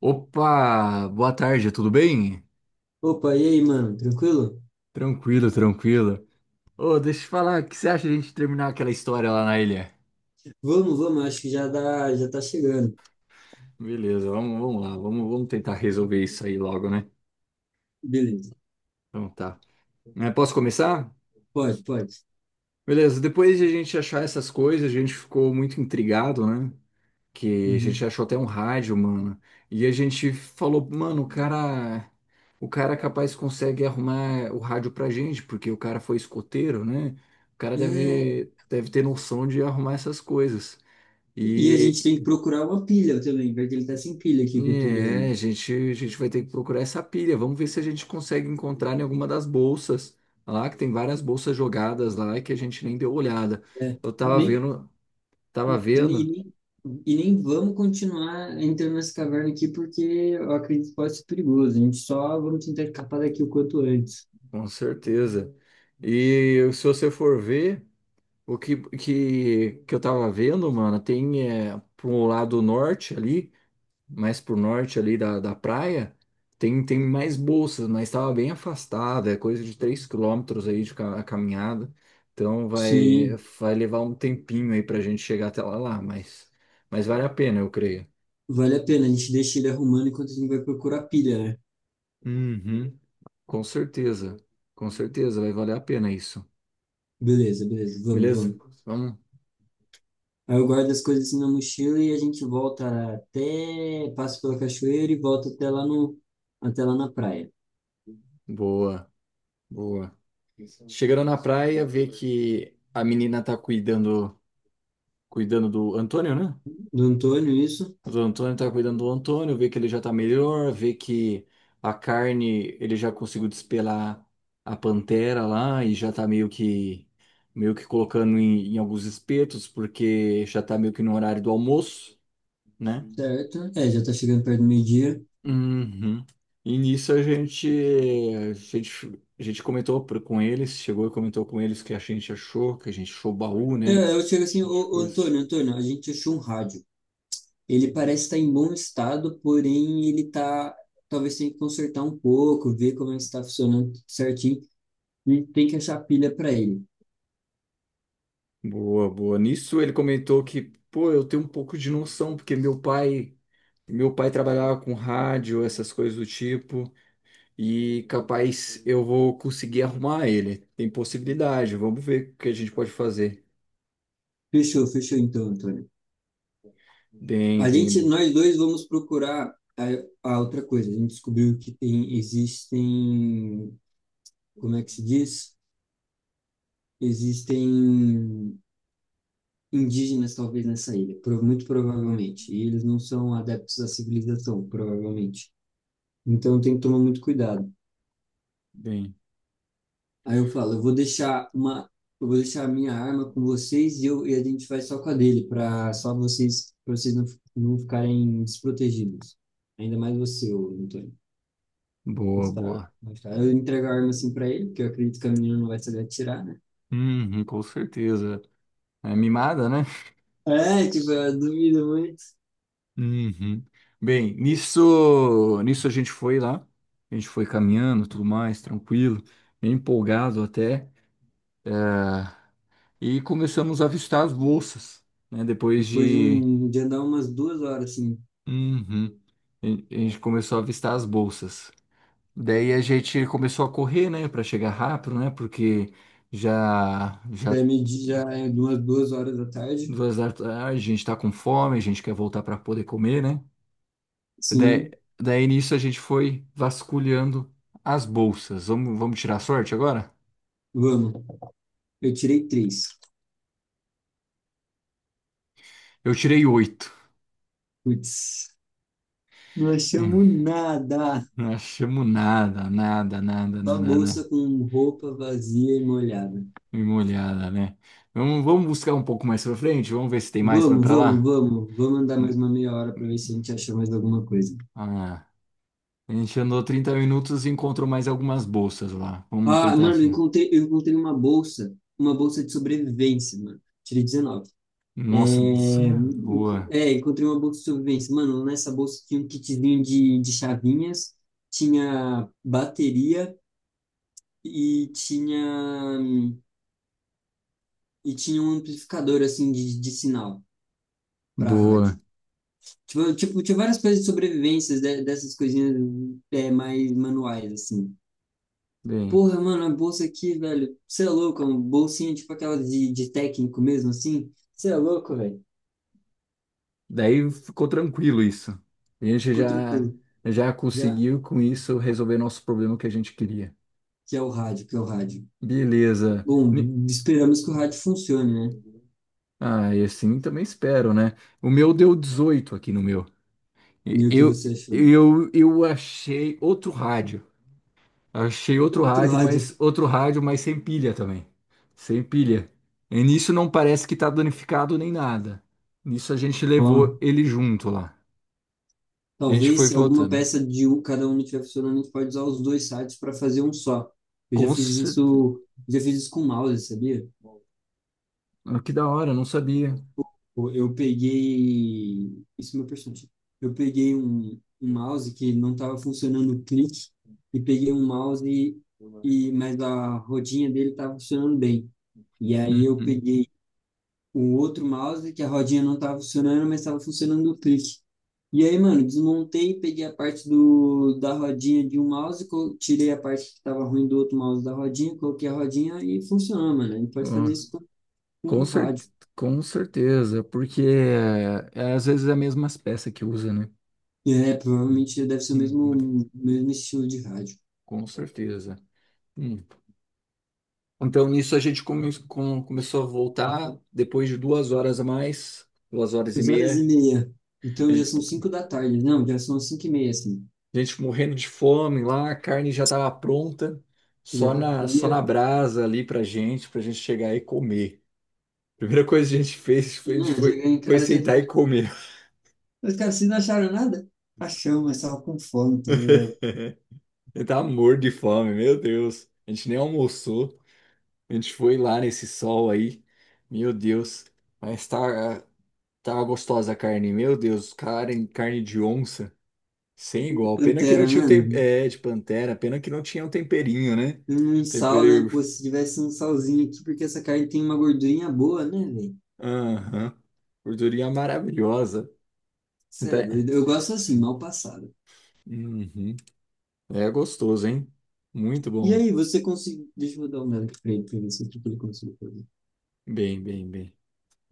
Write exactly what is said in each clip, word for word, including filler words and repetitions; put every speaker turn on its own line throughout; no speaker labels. Opa, boa tarde, tudo bem?
Opa, e aí, mano? Tranquilo?
Tranquilo, tranquilo. Ô, deixa eu te falar, o que você acha de a gente terminar aquela história lá na ilha?
Vamos, vamos, acho que já dá, já tá chegando.
Beleza, vamos, vamos lá, vamos, vamos tentar resolver isso aí logo, né?
Beleza.
Então tá. É, posso começar?
Pode, pode.
Beleza, depois de a gente achar essas coisas, a gente ficou muito intrigado, né? Que a gente
Uhum.
achou até um rádio, mano. E a gente falou, mano, o cara, o cara capaz consegue arrumar o rádio pra gente, porque o cara foi escoteiro, né? O cara
É,
deve, deve ter noção de arrumar essas coisas.
e a
E,
gente tem que procurar uma pilha também, porque ele tá sem pilha aqui que eu tô
e é,
olhando.
a gente, a gente vai ter que procurar essa pilha. Vamos ver se a gente consegue encontrar em alguma das bolsas lá, que tem várias bolsas jogadas lá e que a gente nem deu olhada.
É,
Eu tava
nem,
vendo, Tava
nem,
vendo,
nem- e nem vamos continuar entrando nessa caverna aqui, porque eu acredito que pode ser perigoso. A gente só vamos tentar escapar daqui o quanto antes.
com certeza. E se você for ver. O que, que, que eu tava vendo, mano, tem é, pro lado norte ali, mais pro norte ali da, da praia, tem, tem mais bolsas, mas tava bem afastada, é coisa de três quilômetros aí de ca- caminhada. Então vai,
Sim,
vai levar um tempinho aí pra gente chegar até lá, lá, mas, mas vale a pena, eu creio.
vale a pena. A gente deixa ele arrumando enquanto a gente vai procurar pilha, né?
Uhum, com certeza, com certeza, vai valer a pena isso.
Beleza, beleza. Vamos,
Beleza?
vamos.
Vamos?
Aí eu guardo as coisas assim na mochila e a gente volta até, passa pela cachoeira e volta até lá no, até lá na praia.
Boa, boa. Chegaram na praia, vê que a menina tá cuidando, cuidando do Antônio, né?
Do Antônio, isso,
O Antônio tá cuidando do Antônio, vê que ele já tá melhor, vê que a carne, ele já conseguiu despelar a pantera lá e já tá meio que meio que colocando em, em alguns espetos, porque já tá meio que no horário do almoço, né?
certo? É, já tá chegando perto do meio-dia.
Uhum. E nisso a gente, a gente, a gente comentou pro- com eles, chegou e comentou com eles que a gente achou, que a gente achou o baú, né?
É, eu chego
A
assim, ô,
gente
ô,
pôs...
Antônio, Antônio, a gente achou um rádio. Ele parece estar em bom estado, porém ele tá, talvez tenha que consertar um pouco, ver como é que está funcionando tudo certinho. E tem que achar a pilha para ele.
Boa, boa. Nisso ele comentou que, pô, eu tenho um pouco de noção, porque meu pai, meu pai trabalhava com rádio, essas coisas do tipo, e capaz eu vou conseguir arrumar ele. Tem possibilidade, vamos ver o que a gente pode fazer.
Fechou, fechou então, Antônio.
Bem,
A gente,
bem,
nós dois vamos procurar a, a outra coisa. A gente descobriu que tem, existem, como é que se diz? Existem indígenas, talvez, nessa ilha, pro- muito provavelmente. E eles não são adeptos à civilização, provavelmente. Então tem que tomar muito cuidado.
bem.
Aí eu falo, eu vou deixar uma, eu vou deixar a minha arma com vocês e, eu, e a gente vai só com a dele, para só vocês, pra vocês não, fi- não ficarem desprotegidos. Ainda mais você, ô Antônio.
Boa,
Está,
boa.
está. Eu entrego a arma assim pra ele, porque eu acredito que a menina não vai saber atirar, né?
Uhum, com certeza. É mimada, né?
É, tipo, eu duvido muito.
Uhum. Bem, nisso, nisso a gente foi lá, a gente foi caminhando, tudo mais, tranquilo, bem empolgado até, é, e começamos a avistar as bolsas, né? Depois
Depois de
de
um de andar umas duas horas, assim,
uhum, a a gente começou a avistar as bolsas. Daí a gente começou a correr, né, para chegar rápido, né? Porque já já
daí medir já é umas duas horas da tarde,
duas da tarde, a gente tá com fome, a gente quer voltar para poder comer, né? Daí,
sim,
daí nisso a gente foi vasculhando as bolsas. Vamos, vamos tirar a sorte agora?
vamos. Eu tirei três.
Eu tirei oito.
Putz, não
Hum,
achamos nada.
não achamos nada, nada, nada,
Só
nada,
bolsa
nada.
com roupa vazia e molhada.
Dei uma olhada, né? Vamos, vamos buscar um pouco mais pra frente? Vamos ver se tem mais pra
Vamos,
pra
vamos,
lá?
vamos. Vamos andar mais
Hum,
uma meia hora pra ver se a
hum.
gente acha mais alguma coisa.
Ah, a gente andou trinta minutos e encontrou mais algumas bolsas lá. Vamos
Ah,
tentar.
mano, eu encontrei, eu encontrei uma bolsa, uma bolsa de sobrevivência, mano. Tirei dezenove. É,
Nossa, isso não é
enco-
boa.
é, encontrei uma bolsa de sobrevivência. Mano, nessa bolsa tinha um kitzinho de, de chavinhas, tinha bateria e tinha, e tinha um amplificador, assim, de, de sinal para rádio.
Boa.
Tipo, tipo, tinha várias coisas de sobrevivência, de- dessas coisinhas é, mais manuais, assim.
Bem.
Porra, mano, a bolsa aqui, velho, você é louco, é uma bolsinha tipo aquela de, de técnico mesmo, assim. Você é louco, velho.
Daí ficou tranquilo isso. A gente
Ficou
já
tranquilo.
já
Já,
conseguiu com isso resolver nosso problema que a gente queria.
já é o rádio, que é o rádio.
Beleza. Ni-
Bom, esperamos que o rádio funcione, né?
Ah, e assim também espero, né? O meu deu dezoito aqui no meu. E-
E o que
Eu
você achou?
eu eu achei outro rádio. Achei outro
Outro
rádio,
rádio.
mas outro rádio, mas sem pilha também. Sem pilha. E nisso não parece que tá danificado nem nada. Nisso a gente levou
Bom,
ele junto lá. A gente foi
talvez se alguma
voltando.
peça de um, cada um não estiver funcionando, a gente pode usar os dois sites para fazer um só. Eu já
Com
fiz
certeza.
isso, já fiz isso com mouse, sabia?
Ah, que da hora, não sabia.
Eu, eu peguei, isso é meu personagem. Eu peguei um, um
Bom,
mouse que não estava funcionando o clique e peguei um mouse e,
eu acho.
e mas a rodinha dele estava funcionando bem. E aí eu
Uhum.
peguei o outro mouse, que a rodinha não tava funcionando, mas tava funcionando o clique. E aí, mano, desmontei, peguei a parte do, da rodinha de um mouse, co- tirei a parte que tava ruim do outro mouse da rodinha, coloquei a rodinha e funciona, mano. A gente pode fazer
Ó,
isso com, com o
com cer
rádio.
Com certeza, porque é, às vezes é a mesma peça que usa, né?
É, provavelmente deve ser o
Uhum.
mesmo, mesmo estilo de rádio.
Com certeza. Hum. Então, nisso a gente come- com- começou a voltar depois de duas horas a mais, duas horas e
Duas horas e
meia.
meia.
A
Então já
gen-
são cinco da tarde. Não, já são cinco e meia, assim.
a gente morrendo de fome lá, a carne já estava pronta,
Já
só
tá
na, só na
fria.
brasa ali pra gente, pra gente chegar e comer. A primeira coisa que a gente fez foi, a gente
Não, chegar
foi,
em
foi
casa que a
sentar e
gente...
comer.
Mas, cara, vocês não acharam nada? Achamos, mas tava com fome, tá ligado?
Ele tá morto de fome, meu Deus. A gente nem almoçou. A gente foi lá nesse sol aí. Meu Deus. Mas tá, tá gostosa a carne. Meu Deus, carne, carne de onça. Sem igual. Pena que não
Pantera,
tinha um
mano.
tem... É, de pantera. Pena que não tinha um temperinho, né?
Um sal, né?
Tempero.
Pô, se tivesse um salzinho aqui, porque essa carne tem uma gordurinha boa, né, velho?
Aham. Gordurinha maravilhosa.
Cê é
Até-
doido. Eu gosto assim, mal passado.
Uhum. É gostoso, hein? Muito
E
bom.
aí, você conseguiu. Deixa eu dar uma olhada aqui pra ele, pra ver se o que que ele conseguiu fazer.
Bem, bem, bem.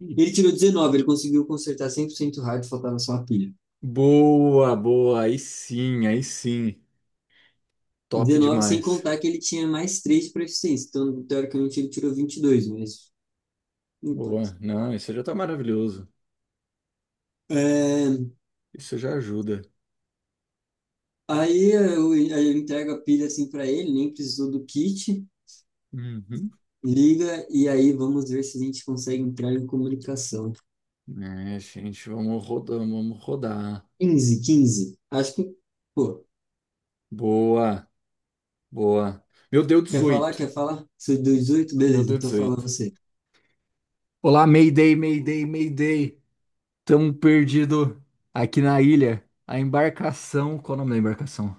Ele tirou dezenove, ele conseguiu consertar cem por cento hard, faltava só a pilha.
Boa, boa. Aí sim, aí sim. Top
dezenove, sem
demais.
contar que ele tinha mais três para eficiência. Então, teoricamente, ele tirou vinte e dois, mas não importa.
Boa. Não, isso já tá maravilhoso.
É,
Isso já ajuda.
Aí eu, aí eu entrego a pilha assim para ele, nem precisou do kit.
Uhum.
Liga e aí vamos ver se a gente consegue entrar em comunicação.
É, gente, vamos rodar, vamos rodar.
Quinze, quinze. Acho que, pô,
Boa, boa. Meu deu
quer falar?
dezoito.
Quer falar? Sou dezoito?
Meu
Beleza,
deu
então fala
dezoito.
você.
Olá, Mayday, Mayday, Mayday. Tamo perdido aqui na ilha. A embarcação. Qual o nome da embarcação?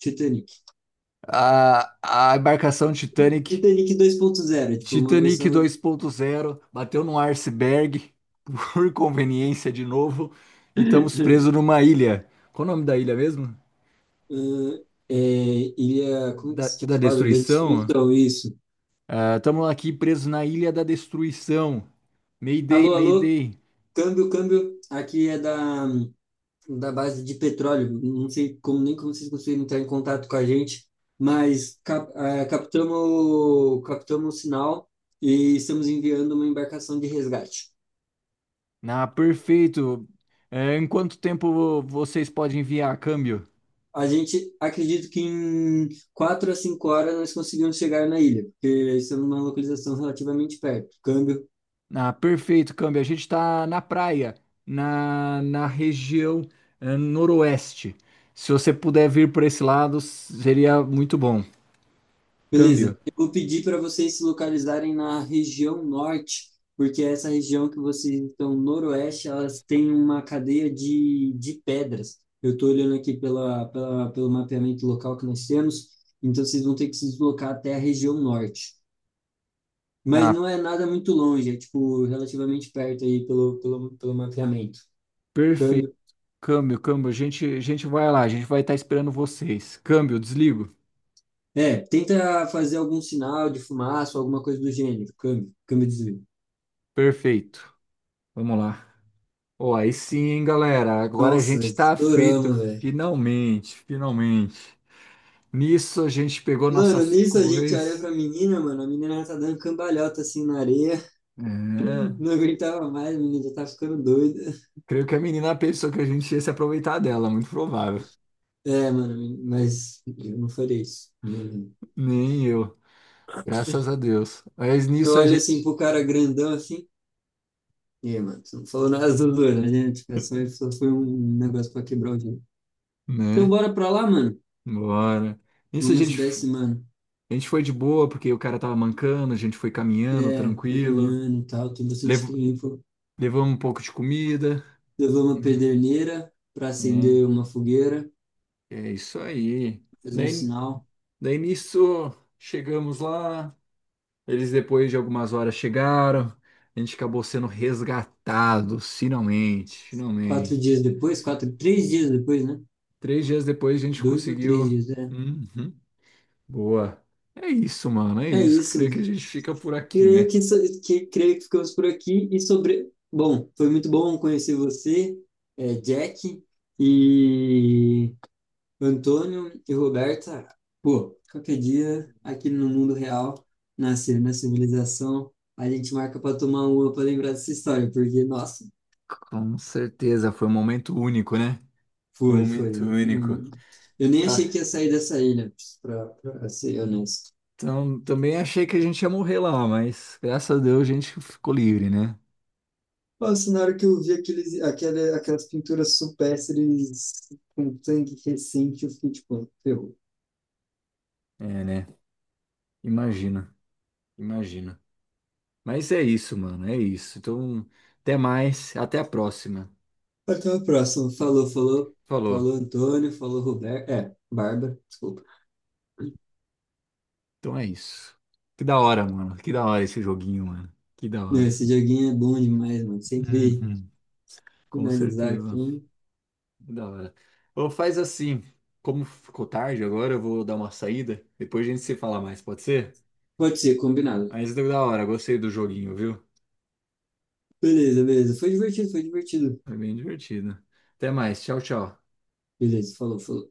Titanic.
A, a embarcação Titanic
Titanic dois ponto zero tipo, uma
Titanic
versão.
dois ponto zero bateu num iceberg por conveniência de novo e estamos presos numa ilha. Qual o nome da ilha mesmo?
Ah, é, ilha. Como que
Da,
você tinha
da
falado? Da
destruição?
destruição, isso.
Ah, estamos aqui presos na ilha da destruição. Mayday,
Alô, alô?
Mayday.
Câmbio, câmbio. Aqui é da. Da base de petróleo. Não sei como nem como vocês conseguiram entrar em contato com a gente, mas cap, eh, captamos, captamos o sinal e estamos enviando uma embarcação de resgate.
Na perfeito. É, em quanto tempo vocês podem enviar câmbio?
A gente acredita que em quatro a cinco horas nós conseguimos chegar na ilha, porque estamos numa localização relativamente perto. Câmbio.
Ah, perfeito, câmbio. A gente está na praia, na, na região eh, noroeste. Se você puder vir por esse lado, seria muito bom. Câmbio.
Beleza, eu vou pedir para vocês se localizarem na região norte, porque essa região que vocês estão noroeste, elas têm uma cadeia de, de pedras. Eu estou olhando aqui pela, pela, pelo mapeamento local que nós temos, então vocês vão ter que se deslocar até a região norte. Mas
Ah,
não é nada muito longe, é tipo relativamente perto aí pelo, pelo, pelo mapeamento.
perfeito.
Câmbio.
Câmbio, câmbio. A gente, a gente vai lá, a gente vai estar esperando vocês. Câmbio, desligo.
É, tenta fazer algum sinal de fumaça, alguma coisa do gênero. Câmbio, câmbio de desvio.
Perfeito. Vamos lá. Ó, aí sim, hein, galera. Agora a
Nossa,
gente está feito.
estouramos, velho.
Finalmente, finalmente. Nisso a gente pegou
Mano,
nossas
nisso a gente olha
coisas.
pra menina, mano. A menina tá dando cambalhota assim na areia.
É.
Não aguentava mais, a menina já tá ficando doida.
Creio que a menina pensou que a gente ia se aproveitar dela, muito provável.
É, mano, mas eu não faria isso. Eu
Nem eu, graças a Deus. Mas
eu
nisso a
olho assim
gente,
pro cara grandão assim. E aí, mano, você não falou nada do doido, né? Tipo, é só, só foi um negócio pra quebrar o gelo. Então
né?
bora pra lá, mano.
Bora. Nisso a
Vamos
gente,
ajudar esse mano.
a gente foi de boa, porque o cara tava mancando, a gente foi caminhando
É, foi
tranquilo.
caminhando e tal, tem bastante
Lev-
tempo.
Levamos um pouco de comida.
Levou uma pederneira pra
É,
acender uma fogueira,
é isso aí.
fazer um
Daí,
sinal.
daí nisso chegamos lá. Eles depois de algumas horas chegaram. A gente acabou sendo resgatado, finalmente,
Quatro dias
finalmente.
depois, quatro, três dias depois, né?
Três dias depois a gente
Dois ou três
conseguiu.
dias, é.
Uhum. Boa. É isso, mano. É
É
isso. Creio que a
isso.
gente fica por aqui,
Creio
né?
que, so- que, creio que ficamos por aqui. E sobre. Bom, foi muito bom conhecer você, é, Jack, e Antônio e Roberta. Pô, qualquer dia, aqui no mundo real, na, ci- na civilização, a gente marca para tomar uma para lembrar dessa história, porque, nossa,
Com certeza. Foi um momento único, né? Foi um
foi,
momento
foi.
único.
Hum. Eu nem
Ah,
achei que ia sair dessa ilha, para ser honesto.
então, também achei que a gente ia morrer lá, mas graças a Deus a gente ficou livre, né?
Nossa, na hora que eu vi aqueles, aquela aquelas pinturas supérstires com sangue recente, eu fiquei tipo, ferrou.
É, né? Imagina. Imagina. Mas é isso, mano. É isso. Então, até mais. Até a próxima.
Até a próxima. Falou, falou.
Falou.
Falou Antônio, falou Roberto. É, Bárbara, desculpa.
Então é isso. Que da hora, mano. Que da hora esse joguinho, mano. Que da
Meu,
hora.
esse joguinho é bom demais, mano. Sempre
Uhum. Com
finalizar aqui.
certeza. Da hora. Ou faz assim, como ficou tarde agora, eu vou dar uma saída. Depois a gente se fala mais, pode ser?
Pode ser, combinado.
Mas deu da hora, gostei do joguinho, viu?
Beleza, beleza. Foi divertido, foi divertido.
Foi bem divertido. Até mais, tchau, tchau.
Beleza, falou, falou.